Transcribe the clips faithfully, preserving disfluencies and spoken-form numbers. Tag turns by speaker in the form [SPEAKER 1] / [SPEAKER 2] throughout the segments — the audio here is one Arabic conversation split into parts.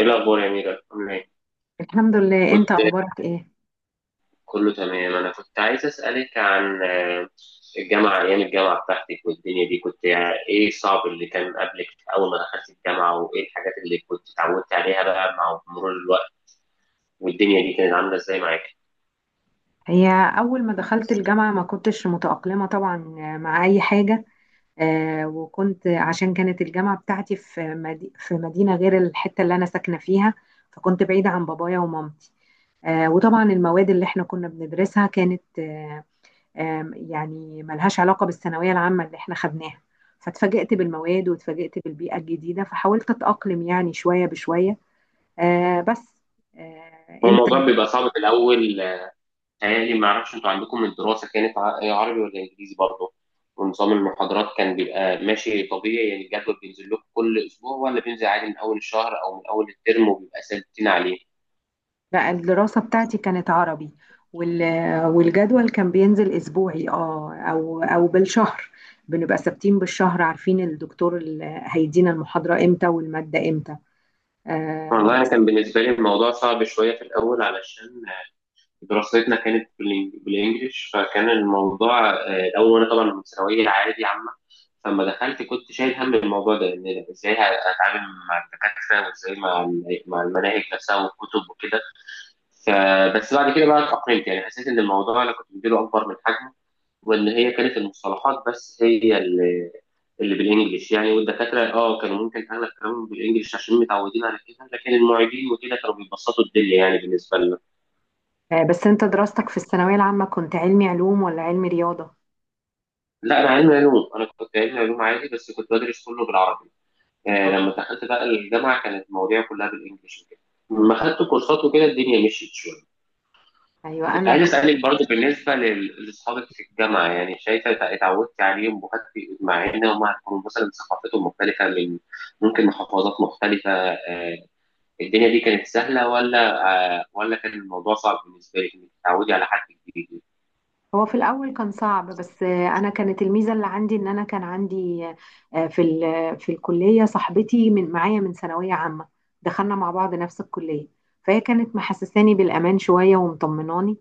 [SPEAKER 1] ايه الاخبار يا ميرا، عامله ايه؟
[SPEAKER 2] الحمد لله.
[SPEAKER 1] كنت
[SPEAKER 2] انت اخبارك ايه؟
[SPEAKER 1] كله تمام. انا كنت عايز اسالك عن آه، الجامعه، ايام الجامعه بتاعتك والدنيا دي، كنت يعني ايه الصعب اللي كان قبلك اول ما دخلت الجامعه، وايه الحاجات اللي كنت اتعودت عليها بقى مع مرور الوقت، والدنيا دي كانت عامله ازاي معاك؟
[SPEAKER 2] هي اول ما دخلت الجامعه ما كنتش متاقلمه طبعا مع اي حاجه. آه وكنت عشان كانت الجامعه بتاعتي في مدي في مدينه غير الحته اللي انا ساكنه فيها، فكنت بعيده عن بابايا ومامتي. آه وطبعا المواد اللي احنا كنا بندرسها كانت آه آه يعني ملهاش علاقه بالثانويه العامه اللي احنا خدناها. فاتفاجئت بالمواد واتفاجئت بالبيئه الجديده، فحاولت اتاقلم يعني شويه بشويه. آه بس. آه،
[SPEAKER 1] هو
[SPEAKER 2] انت؟
[SPEAKER 1] الموضوع بيبقى صعب في الأول، آه، تهيألي. ما أعرفش أنتوا عندكم الدراسة كانت ع- إيه، عربي ولا إنجليزي برضه؟ ونظام المحاضرات كان بيبقى ماشي طبيعي، يعني الجدول بينزل لكم كل أسبوع ولا بينزل عادي من أول الشهر أو من أول الترم وبيبقى ثابتين عليه؟
[SPEAKER 2] لا، الدراسة بتاعتي كانت عربي، وال... والجدول كان بينزل أسبوعي، اه أو أو بالشهر. بنبقى ثابتين بالشهر، عارفين الدكتور اللي هيدينا المحاضرة امتى والمادة امتى. آه.
[SPEAKER 1] والله أنا كان بالنسبة لي الموضوع صعب شوية في الأول، علشان دراستنا كانت بالإنج- بالانجلش، فكان الموضوع آه، الاول، وانا طبعا من ثانويه عادي عامه، فلما دخلت كنت شايل هم الموضوع ده، ان ازاي هتعامل مع الدكاتره، وازاي مع ال- مع المناهج نفسها والكتب وكده. فبس بعد كده بقى اتأقلمت، يعني حسيت ان الموضوع انا كنت مديله اكبر من حجمه، وان هي كانت المصطلحات بس هي اللي اللي بالانجلش يعني، والدكاتره اه كانوا ممكن اغلب كلامهم بالانجلش عشان متعودين على كده، لكن المعيدين وكده كانوا بيبسطوا الدنيا يعني بالنسبه.
[SPEAKER 2] آه، بس انت دراستك في الثانوية العامة كنت علمي علوم ولا علمي رياضة؟
[SPEAKER 1] لا انا علمي علوم انا كنت علمي علوم عادي، بس كنت بدرس كله بالعربي. آه
[SPEAKER 2] اه،
[SPEAKER 1] لما دخلت بقى الجامعه، كانت المواضيع كلها بالانجلش وكده. لما خدت كورسات وكده الدنيا مشيت شويه.
[SPEAKER 2] ايوه،
[SPEAKER 1] كنت
[SPEAKER 2] انا.
[SPEAKER 1] عايز اسالك برضه بالنسبه لل- لاصحابك في الجامعه، يعني شايفه اتع- اتعودت عليهم وخدت، مع ان هم هيكونوا مثلا ثقافتهم مختلفه، من ممكن محافظات مختلفه، آه الدنيا دي كانت سهله ولا آه ولا كان الموضوع صعب بالنسبه لك انك تتعودي على حد جديد؟
[SPEAKER 2] هو في الأول كان صعب، بس أنا كانت الميزة اللي عندي إن أنا كان عندي آه، في ال- في الكلية صاحبتي من معايا من ثانوية عامة. دخلنا مع بعض نفس الكلية، فهي كانت محسساني بالأمان شوية ومطمناني.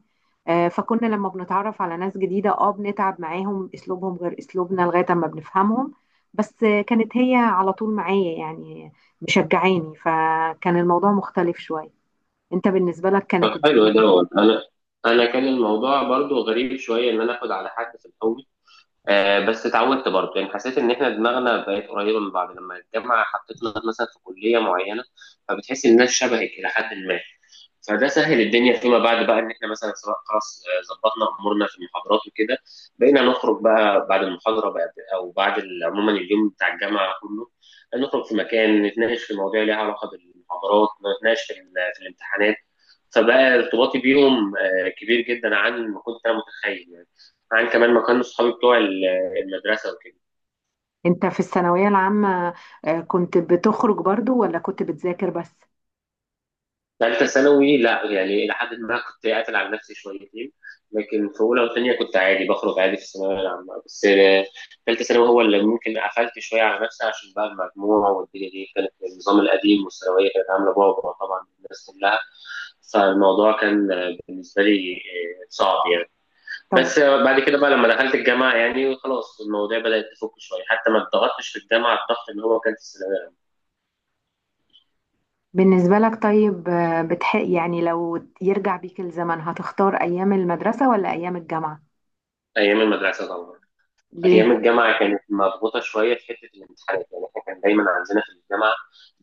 [SPEAKER 2] آه، فكنا لما بنتعرف على ناس جديدة اه بنتعب معاهم، أسلوبهم غير أسلوبنا لغاية ما بنفهمهم. بس آه، كانت هي على طول معايا يعني، مشجعاني، فكان الموضوع مختلف شوية. أنت بالنسبة لك
[SPEAKER 1] طب
[SPEAKER 2] كانت
[SPEAKER 1] حلو
[SPEAKER 2] الدنيا؟
[SPEAKER 1] ده هو. انا انا كان الموضوع برضو غريب شويه، ان انا اخد على حد في الاول، آه بس اتعودت برضو، يعني حسيت ان احنا دماغنا بقت قريبه من بعض لما الجامعه حطتنا مثلا في كليه معينه، فبتحس ان الناس شبهك الى حد ما. فده سهل الدنيا فيما بعد بقى، ان احنا مثلا سواء خلاص آه، ظبطنا امورنا في المحاضرات وكده، بقينا نخرج بقى بعد المحاضره بقى، او بعد ال- عموما اليوم بتاع الجامعه كله، نخرج في مكان نتناقش في مواضيع ليها علاقه بالمحاضرات، نتناقش في, ال- في الامتحانات. فبقى ارتباطي بيهم آه، كبير جدا عن ما كنت انا متخيل، يعني عن كمان ما كانوا صحابي بتوع ال- المدرسه وكده.
[SPEAKER 2] انت في الثانوية العامة آه، كنت بتخرج برضو ولا كنت بتذاكر بس؟
[SPEAKER 1] ثالثه ثانوي لا، يعني الى حد ما كنت قاتل على نفسي شويتين، لكن في اولى وثانيه كنت عادي، بخرج عادي في الثانويه العامه بس. آه، ثالثه ثانوي هو اللي ممكن قفلت شويه على نفسي، عشان بقى المجموع والدنيا دي كانت النظام القديم، والثانويه كانت عامله بعبع طبعا الناس كلها، فالموضوع كان آه، بالنسبه لي آه، صعب يعني.
[SPEAKER 2] طب.
[SPEAKER 1] بس بعد كده بقى لما دخلت الجامعة، يعني خلاص المواضيع بدأت تفك شوية، حتى ما اتضغطتش في الجامعة الضغط اللي هو كان في الثانوية.
[SPEAKER 2] بالنسبة لك طيب آه، بتح... يعني لو يرجع بيك الزمن هتختار أيام المدرسة ولا أيام الجامعة؟
[SPEAKER 1] أيام المدرسة طبعا.
[SPEAKER 2] ليه؟
[SPEAKER 1] أيام الجامعة كانت مضغوطة شوية في حتة الامتحانات، يعني إحنا كان دايما عندنا في الجامعة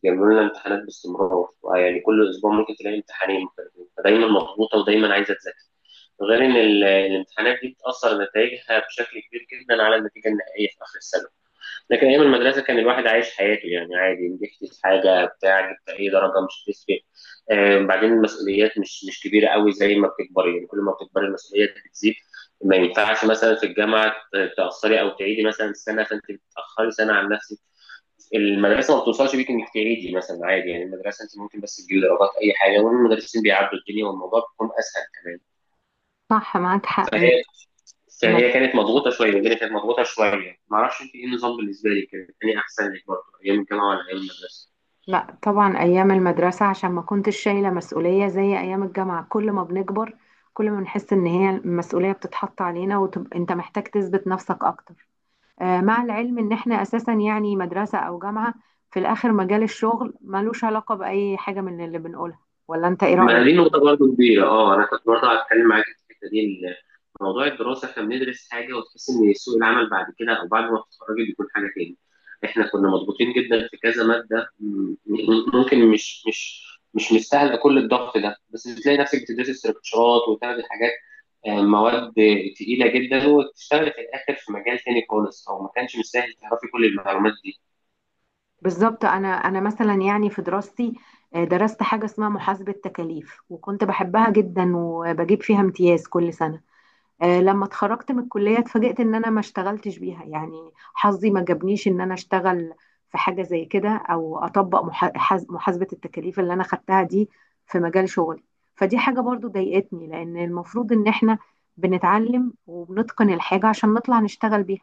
[SPEAKER 1] بيعملوا لنا امتحانات باستمرار، يعني كل أسبوع ممكن تلاقي امتحانين مختلفين، فدايما مضغوطة ودايما عايزة تذاكر، غير إن ال- الامتحانات دي بتأثر نتائجها بشكل كبير جدا على النتيجة النهائية في آخر السنة. لكن ايام المدرسه كان الواحد عايش حياته يعني عادي، نجحت في حاجه بتاع، جبت اي درجه مش هتفرق. آه، بعدين المسؤوليات مش مش كبيره قوي، زي ما بتكبري، يعني كل ما بتكبري المسؤوليات بتزيد. ما ينفعش مثلا في الجامعه ت- تاثري او تعيدي مثلا سنه، فانت بتاخري سنه عن نفسك. المدرسه ما بتوصلش بيك انك تعيدي مثلا، عادي يعني المدرسه انت ممكن بس تجيبي درجات اي حاجه، والمدرسين بيعدوا الدنيا والموضوع بيكون اسهل كمان.
[SPEAKER 2] صح، معاك حق. هي.
[SPEAKER 1] فهي بس يعني هي
[SPEAKER 2] المدرسة.
[SPEAKER 1] كانت
[SPEAKER 2] صح.
[SPEAKER 1] مضغوطة شوية، الدنيا كانت مضغوطة شوية. معرفش انت ايه النظام بالنسبة لك، كان ايه احسن لك برضه، ايام الجامعة ولا ايام المدرسة؟
[SPEAKER 2] لا، طبعا أيام المدرسة عشان ما كنتش شايلة مسؤولية زي أيام الجامعة. كل ما بنكبر، كل ما بنحس إن هي المسؤولية بتتحط علينا وتبقى أنت محتاج تثبت نفسك أكتر. آه، مع العلم ان احنا اساسا يعني مدرسة او جامعة، في الاخر مجال الشغل ملوش علاقة باي حاجة من اللي بنقولها. ولا انت ايه
[SPEAKER 1] ما
[SPEAKER 2] رأيك؟
[SPEAKER 1] دي نقطة برضه كبيرة. اه انا كنت برضه هتكلم معاك في الحتة دي، إن موضوع الدراسة احنا بندرس حاجة، وتحس ان سوق العمل بعد كده، او بعد ما تتخرجي، بيكون حاجة تاني. احنا كنا مضغوطين جدا في كذا مادة، م- م- ممكن مش مش مش مستاهلة كل الضغط ده، بس بتلاقي نفسك بتدرسي استراكشرات وتاخدي حاجات، آه، مواد تقيلة جدا، وتشتغلي في الآخر في مجال تاني خالص، أو ما كانش مستاهل تعرفي كل المعلومات دي.
[SPEAKER 2] بالظبط. انا انا مثلا يعني في دراستي، آه، درست حاجة اسمها محاسبة تكاليف، وكنت بحبها جدا وبجيب فيها امتياز كل سنة. آه، لما اتخرجت من الكلية اتفاجئت ان انا ما اشتغلتش بيها، يعني حظي ما جابنيش ان انا اشتغل في حاجة زي كده، او اطبق محا- حاز- محاسبة التكاليف اللي انا خدتها دي في مجال شغلي. فدي حاجة برضو ضايقتني، لان المفروض ان احنا بنتعلم وبنتقن الحاجة عشان نطلع نشتغل بيها.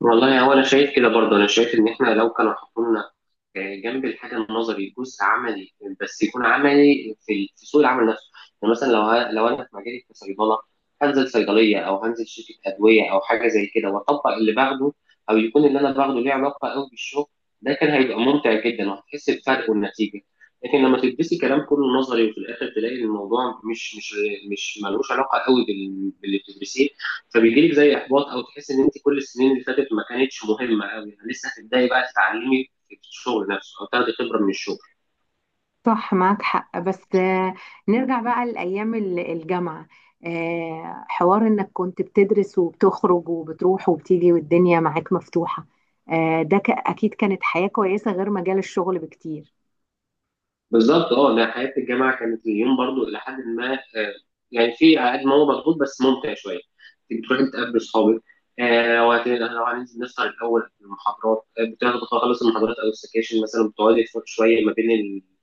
[SPEAKER 1] والله هو انا شايف كده برضه، انا شايف ان احنا لو كانوا حطوا لنا آه، جنب الحاجه النظري جزء عملي، بس يكون عملي في ال- في سوق العمل نفسه، يعني مثلا لو ه- لو انا في مجالي كصيدله، هنزل صيدليه او هنزل شركه ادويه او حاجه زي كده، واطبق اللي باخده، او يكون اللي انا باخده ليه علاقه قوي بالشغل. ده كان هيبقى ممتع جدا، وهتحس بفرق والنتيجه. لكن لما تدرسي كلام كله نظري، وفي الاخر تلاقي الموضوع مش مش مش ملوش علاقه قوي بال- باللي بتدرسيه، فبيجي لك زي احباط، او تحس ان انت كل السنين اللي فاتت ما كانتش مهمه قوي، يعني لسه هتبداي بقى تتعلمي في الشغل نفسه، او تاخدي خبره من الشغل.
[SPEAKER 2] صح، معاك حق. بس آه، نرجع بقى لأيام ال- الجامعة. آه، حوار إنك كنت بتدرس وبتخرج وبتروح وبتيجي والدنيا معاك مفتوحة. آه، ده ك- أكيد كانت حياة كويسة غير مجال الشغل بكتير.
[SPEAKER 1] بالظبط. اه انا حياه الجامعه كانت اليوم برضو الى حد ما، آه، يعني في قد ما هو مضغوط بس ممتع شويه، انت بتروح تقابل اصحابك. آه وهت- لو هننزل نسهر الاول في المحاضرات، آه، بتاخد خلاص المحاضرات او السكاشن مثلا، بتقعدي تفوت شويه ما بين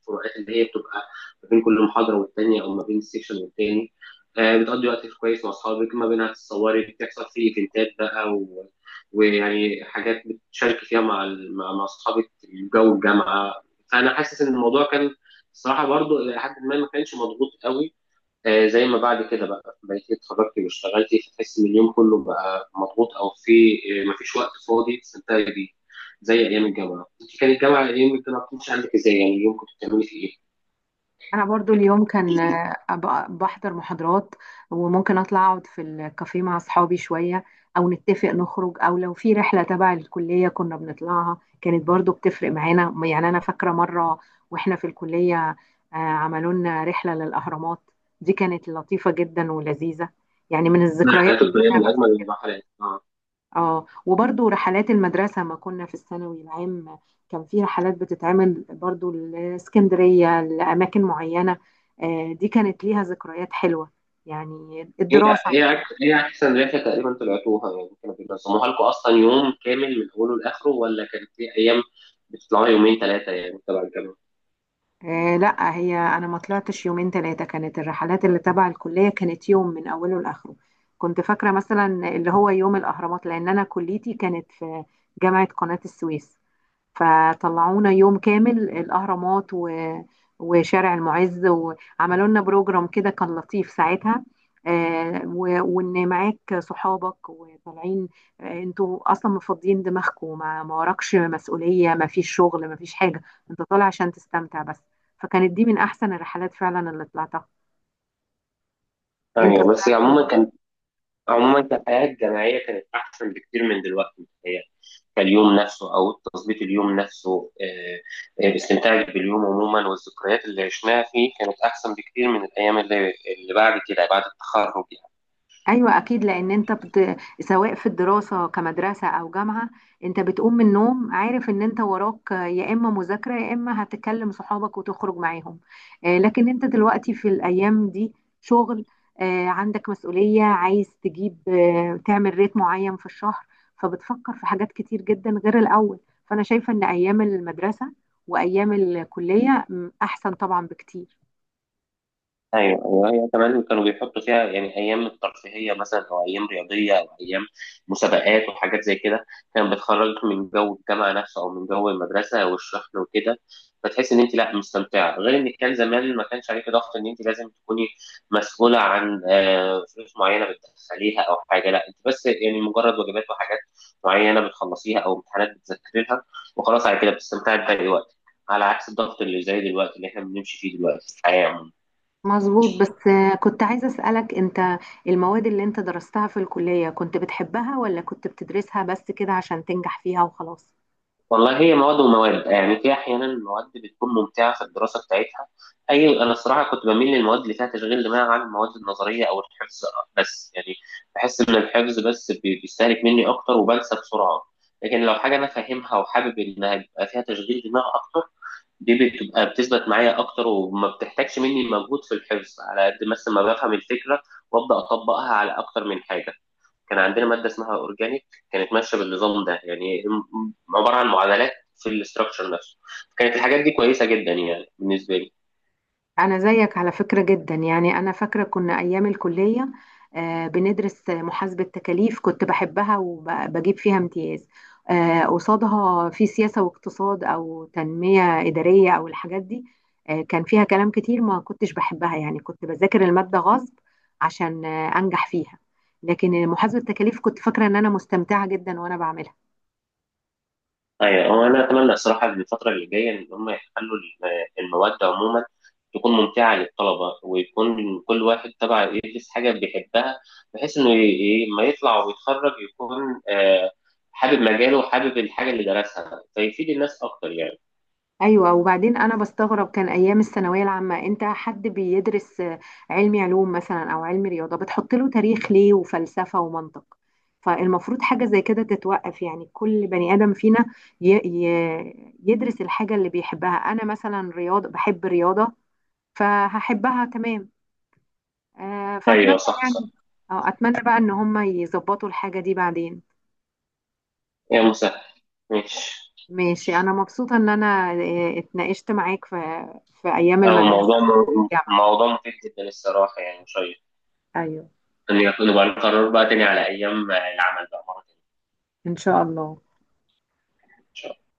[SPEAKER 1] الفروقات اللي هي بتبقى ما بين كل محاضره والتانيه، او ما بين السكشن والتاني. آه بتقضي وقت كويس مع اصحابك، ما بينها تتصوري بتحصل في ايفنتات بقى، و... ويعني حاجات بتشاركي فيها مع ال- مع مع اصحابك في جو الجامعه، فانا حاسس ان الموضوع كان، الصراحه برضو الى حد ما ما كانش مضغوط قوي، آه، زي ما بعد كده بقى بقيت إيه، اتخرجت واشتغلت، فتحس ان اليوم كله بقى مضغوط، او في آه، ما فيش وقت فاضي تستمتعي بيه زي ايام الجامعه. انت كان الجامعه ايام الجامعه كنت عندك ازاي يعني، اليوم كنت بتعملي فيه ايه؟
[SPEAKER 2] انا برضو اليوم كان آه، أبقى بحضر محاضرات، وممكن اطلع اقعد في الكافيه مع اصحابي شوية، او نتفق نخرج، او لو في رحلة تبع الكلية كنا بنطلعها كانت برضو بتفرق معانا. يعني انا فاكرة مرة واحنا في الكلية، آه، عملوا لنا رحلة للاهرامات، دي كانت لطيفة جدا ولذيذة، يعني من
[SPEAKER 1] انا
[SPEAKER 2] الذكريات
[SPEAKER 1] حياتي
[SPEAKER 2] اللي
[SPEAKER 1] كليه
[SPEAKER 2] انا.
[SPEAKER 1] من اجمل المراحل. اه
[SPEAKER 2] اه، وبرضو رحلات المدرسة ما كنا في الثانوي العام، كان في رحلات بتتعمل برضو لاسكندرية لأماكن معينة. آه، دي كانت ليها ذكريات حلوة. يعني
[SPEAKER 1] ايه،
[SPEAKER 2] الدراسة.
[SPEAKER 1] ايه أك- ايه احسن رحله تقريبا طلعتوها يعني؟ كانوا بينظموها لكم اصلا يوم كامل من اوله لاخره، ولا كانت في ايام بتطلعوا يومين ثلاثه يعني تبع الجامعه؟
[SPEAKER 2] آه، لا، هي أنا ما طلعتش يومين ثلاثة، كانت الرحلات اللي تبع الكلية كانت يوم من أوله لآخره. كنت فاكرة مثلا اللي هو يوم الأهرامات، لأن أنا كليتي كانت في جامعة قناة السويس، فطلعونا يوم كامل الأهرامات و... وشارع المعز، وعملوا لنا بروجرام كده كان لطيف ساعتها. آه، و... وإن معاك صحابك وطالعين، آه، انتوا أصلا مفضيين دماغكم، ما... ما وراكش مسؤولية، ما فيش شغل، ما فيش حاجة، انت طالع عشان تستمتع بس. فكانت دي من أحسن الرحلات فعلا اللي طلعتها. انت
[SPEAKER 1] ايوه بس
[SPEAKER 2] طلعت؟
[SPEAKER 1] عموما كان عموما كالحياة الجامعية كانت أحسن بكتير من دلوقتي متهيألي، كاليوم نفسه أو تظبيط اليوم نفسه، آه، آه، استمتاعك باليوم عموما والذكريات اللي عشناها فيه كانت أحسن بكتير من الأيام اللي, اللي بعد كده، بعد التخرج يعني.
[SPEAKER 2] ايوه، اكيد، لان انت بت... سواء في الدراسه كمدرسه او جامعه، انت بتقوم من النوم عارف ان انت وراك يا اما مذاكره يا اما هتكلم صحابك وتخرج معاهم. آه، لكن انت دلوقتي في الايام دي شغل، آه، عندك مسؤوليه، عايز تجيب آه، تعمل ريت معين في الشهر، فبتفكر في حاجات كتير جدا غير الاول. فانا شايفه ان ايام المدرسه وايام الكليه م، احسن طبعا بكتير.
[SPEAKER 1] ايوه، ايوه، هي كمان كانوا بيحطوا فيها، يعني ايام الترفيهيه مثلا، او ايام رياضيه، او ايام مسابقات وحاجات زي كده، كانت بتخرجك من جو الجامعه نفسه، او من جو المدرسه والشحن وكده، فتحس ان انت لا مستمتعه، غير ان كان زمان ما كانش عليك ضغط ان انت لازم تكوني مسؤوله عن آه، فلوس معينه بتدخليها او حاجه. لا انت بس يعني مجرد واجبات وحاجات معينه بتخلصيها، او امتحانات بتذاكري لها، وخلاص على كده بتستمتعي بباقي وقتك، على عكس الضغط اللي زي دلوقتي اللي احنا بنمشي فيه دلوقتي في الحياه عموما.
[SPEAKER 2] مظبوط. بس آه، كنت عايزة أسألك، أنت المواد اللي أنت درستها في الكلية كنت بتحبها ولا كنت بتدرسها بس كده عشان تنجح فيها وخلاص؟
[SPEAKER 1] والله هي مواد ومواد يعني، في احيانا مواد بتكون ممتعه في الدراسه بتاعتها، اي انا الصراحه كنت بميل للمواد اللي فيها تشغيل دماغ عن المواد النظريه او الحفظ، بس يعني بحس ان الحفظ بس بي- بيستهلك مني اكتر وبنسى بسرعه، لكن لو حاجه انا فاهمها وحابب انها يبقى فيها تشغيل دماغ اكتر، دي بتبقى بتثبت معايا اكتر، وما بتحتاجش مني مجهود في الحفظ، على قد مثلا ما بفهم الفكره وابدا اطبقها على اكتر من حاجه. كان عندنا ماده اسمها اورجانيك، كانت ماشيه بالنظام ده يعني، م- عباره عن معادلات في الاستراكشر نفسه، كانت الحاجات دي كويسه جدا يعني بالنسبه لي.
[SPEAKER 2] أنا زيك على فكرة جدا. يعني أنا فاكرة كنا أيام الكلية آه، بندرس محاسبة تكاليف كنت بحبها وبجيب فيها امتياز. آه، قصادها في سياسة واقتصاد أو تنمية إدارية أو الحاجات دي، آه، كان فيها كلام كتير ما كنتش بحبها، يعني كنت بذاكر المادة غصب عشان آه، أنجح فيها. لكن محاسبة التكاليف كنت فاكرة إن أنا مستمتعة جدا وأنا بعملها.
[SPEAKER 1] ايوه، هو انا اتمنى الصراحه إن الفتره اللي جايه ان هم يخلوا الم- المواد عموما تكون ممتعه للطلبه، ويكون كل واحد تبع يدرس حاجه بيحبها، بحيث انه ي- ي- لما يطلع ويتخرج يكون آه، حابب مجاله وحابب الحاجه اللي درسها، فيفيد الناس اكتر يعني.
[SPEAKER 2] ايوه. وبعدين انا بستغرب كان ايام الثانويه العامه، انت حد بيدرس آه، علمي علوم مثلا او علمي رياضه، بتحط له تاريخ ليه وفلسفه ومنطق. فالمفروض حاجه زي كده تتوقف، يعني كل بني ادم فينا ي... ي... يدرس الحاجه اللي بيحبها. انا مثلا رياضه بحب رياضه فهحبها تمام. آه
[SPEAKER 1] ايوه،
[SPEAKER 2] فاتمنى
[SPEAKER 1] صح، صح.
[SPEAKER 2] يعني، أو اتمنى بقى ان هم يظبطوا الحاجه دي بعدين.
[SPEAKER 1] يا مسهل. ماشي.
[SPEAKER 2] ماشي. انا مبسوطه ان انا آه، اتناقشت معاك في في ايام
[SPEAKER 1] هو
[SPEAKER 2] المدرسه
[SPEAKER 1] موضوع
[SPEAKER 2] والجامعه.
[SPEAKER 1] موضوع مفيد جدا الصراحة يعني، شيق.
[SPEAKER 2] ايوه.
[SPEAKER 1] إن يكون يبقى نقرر بقى تاني على أيام العمل بقى مرة تانية.
[SPEAKER 2] إن شاء الله.
[SPEAKER 1] إن شاء الله.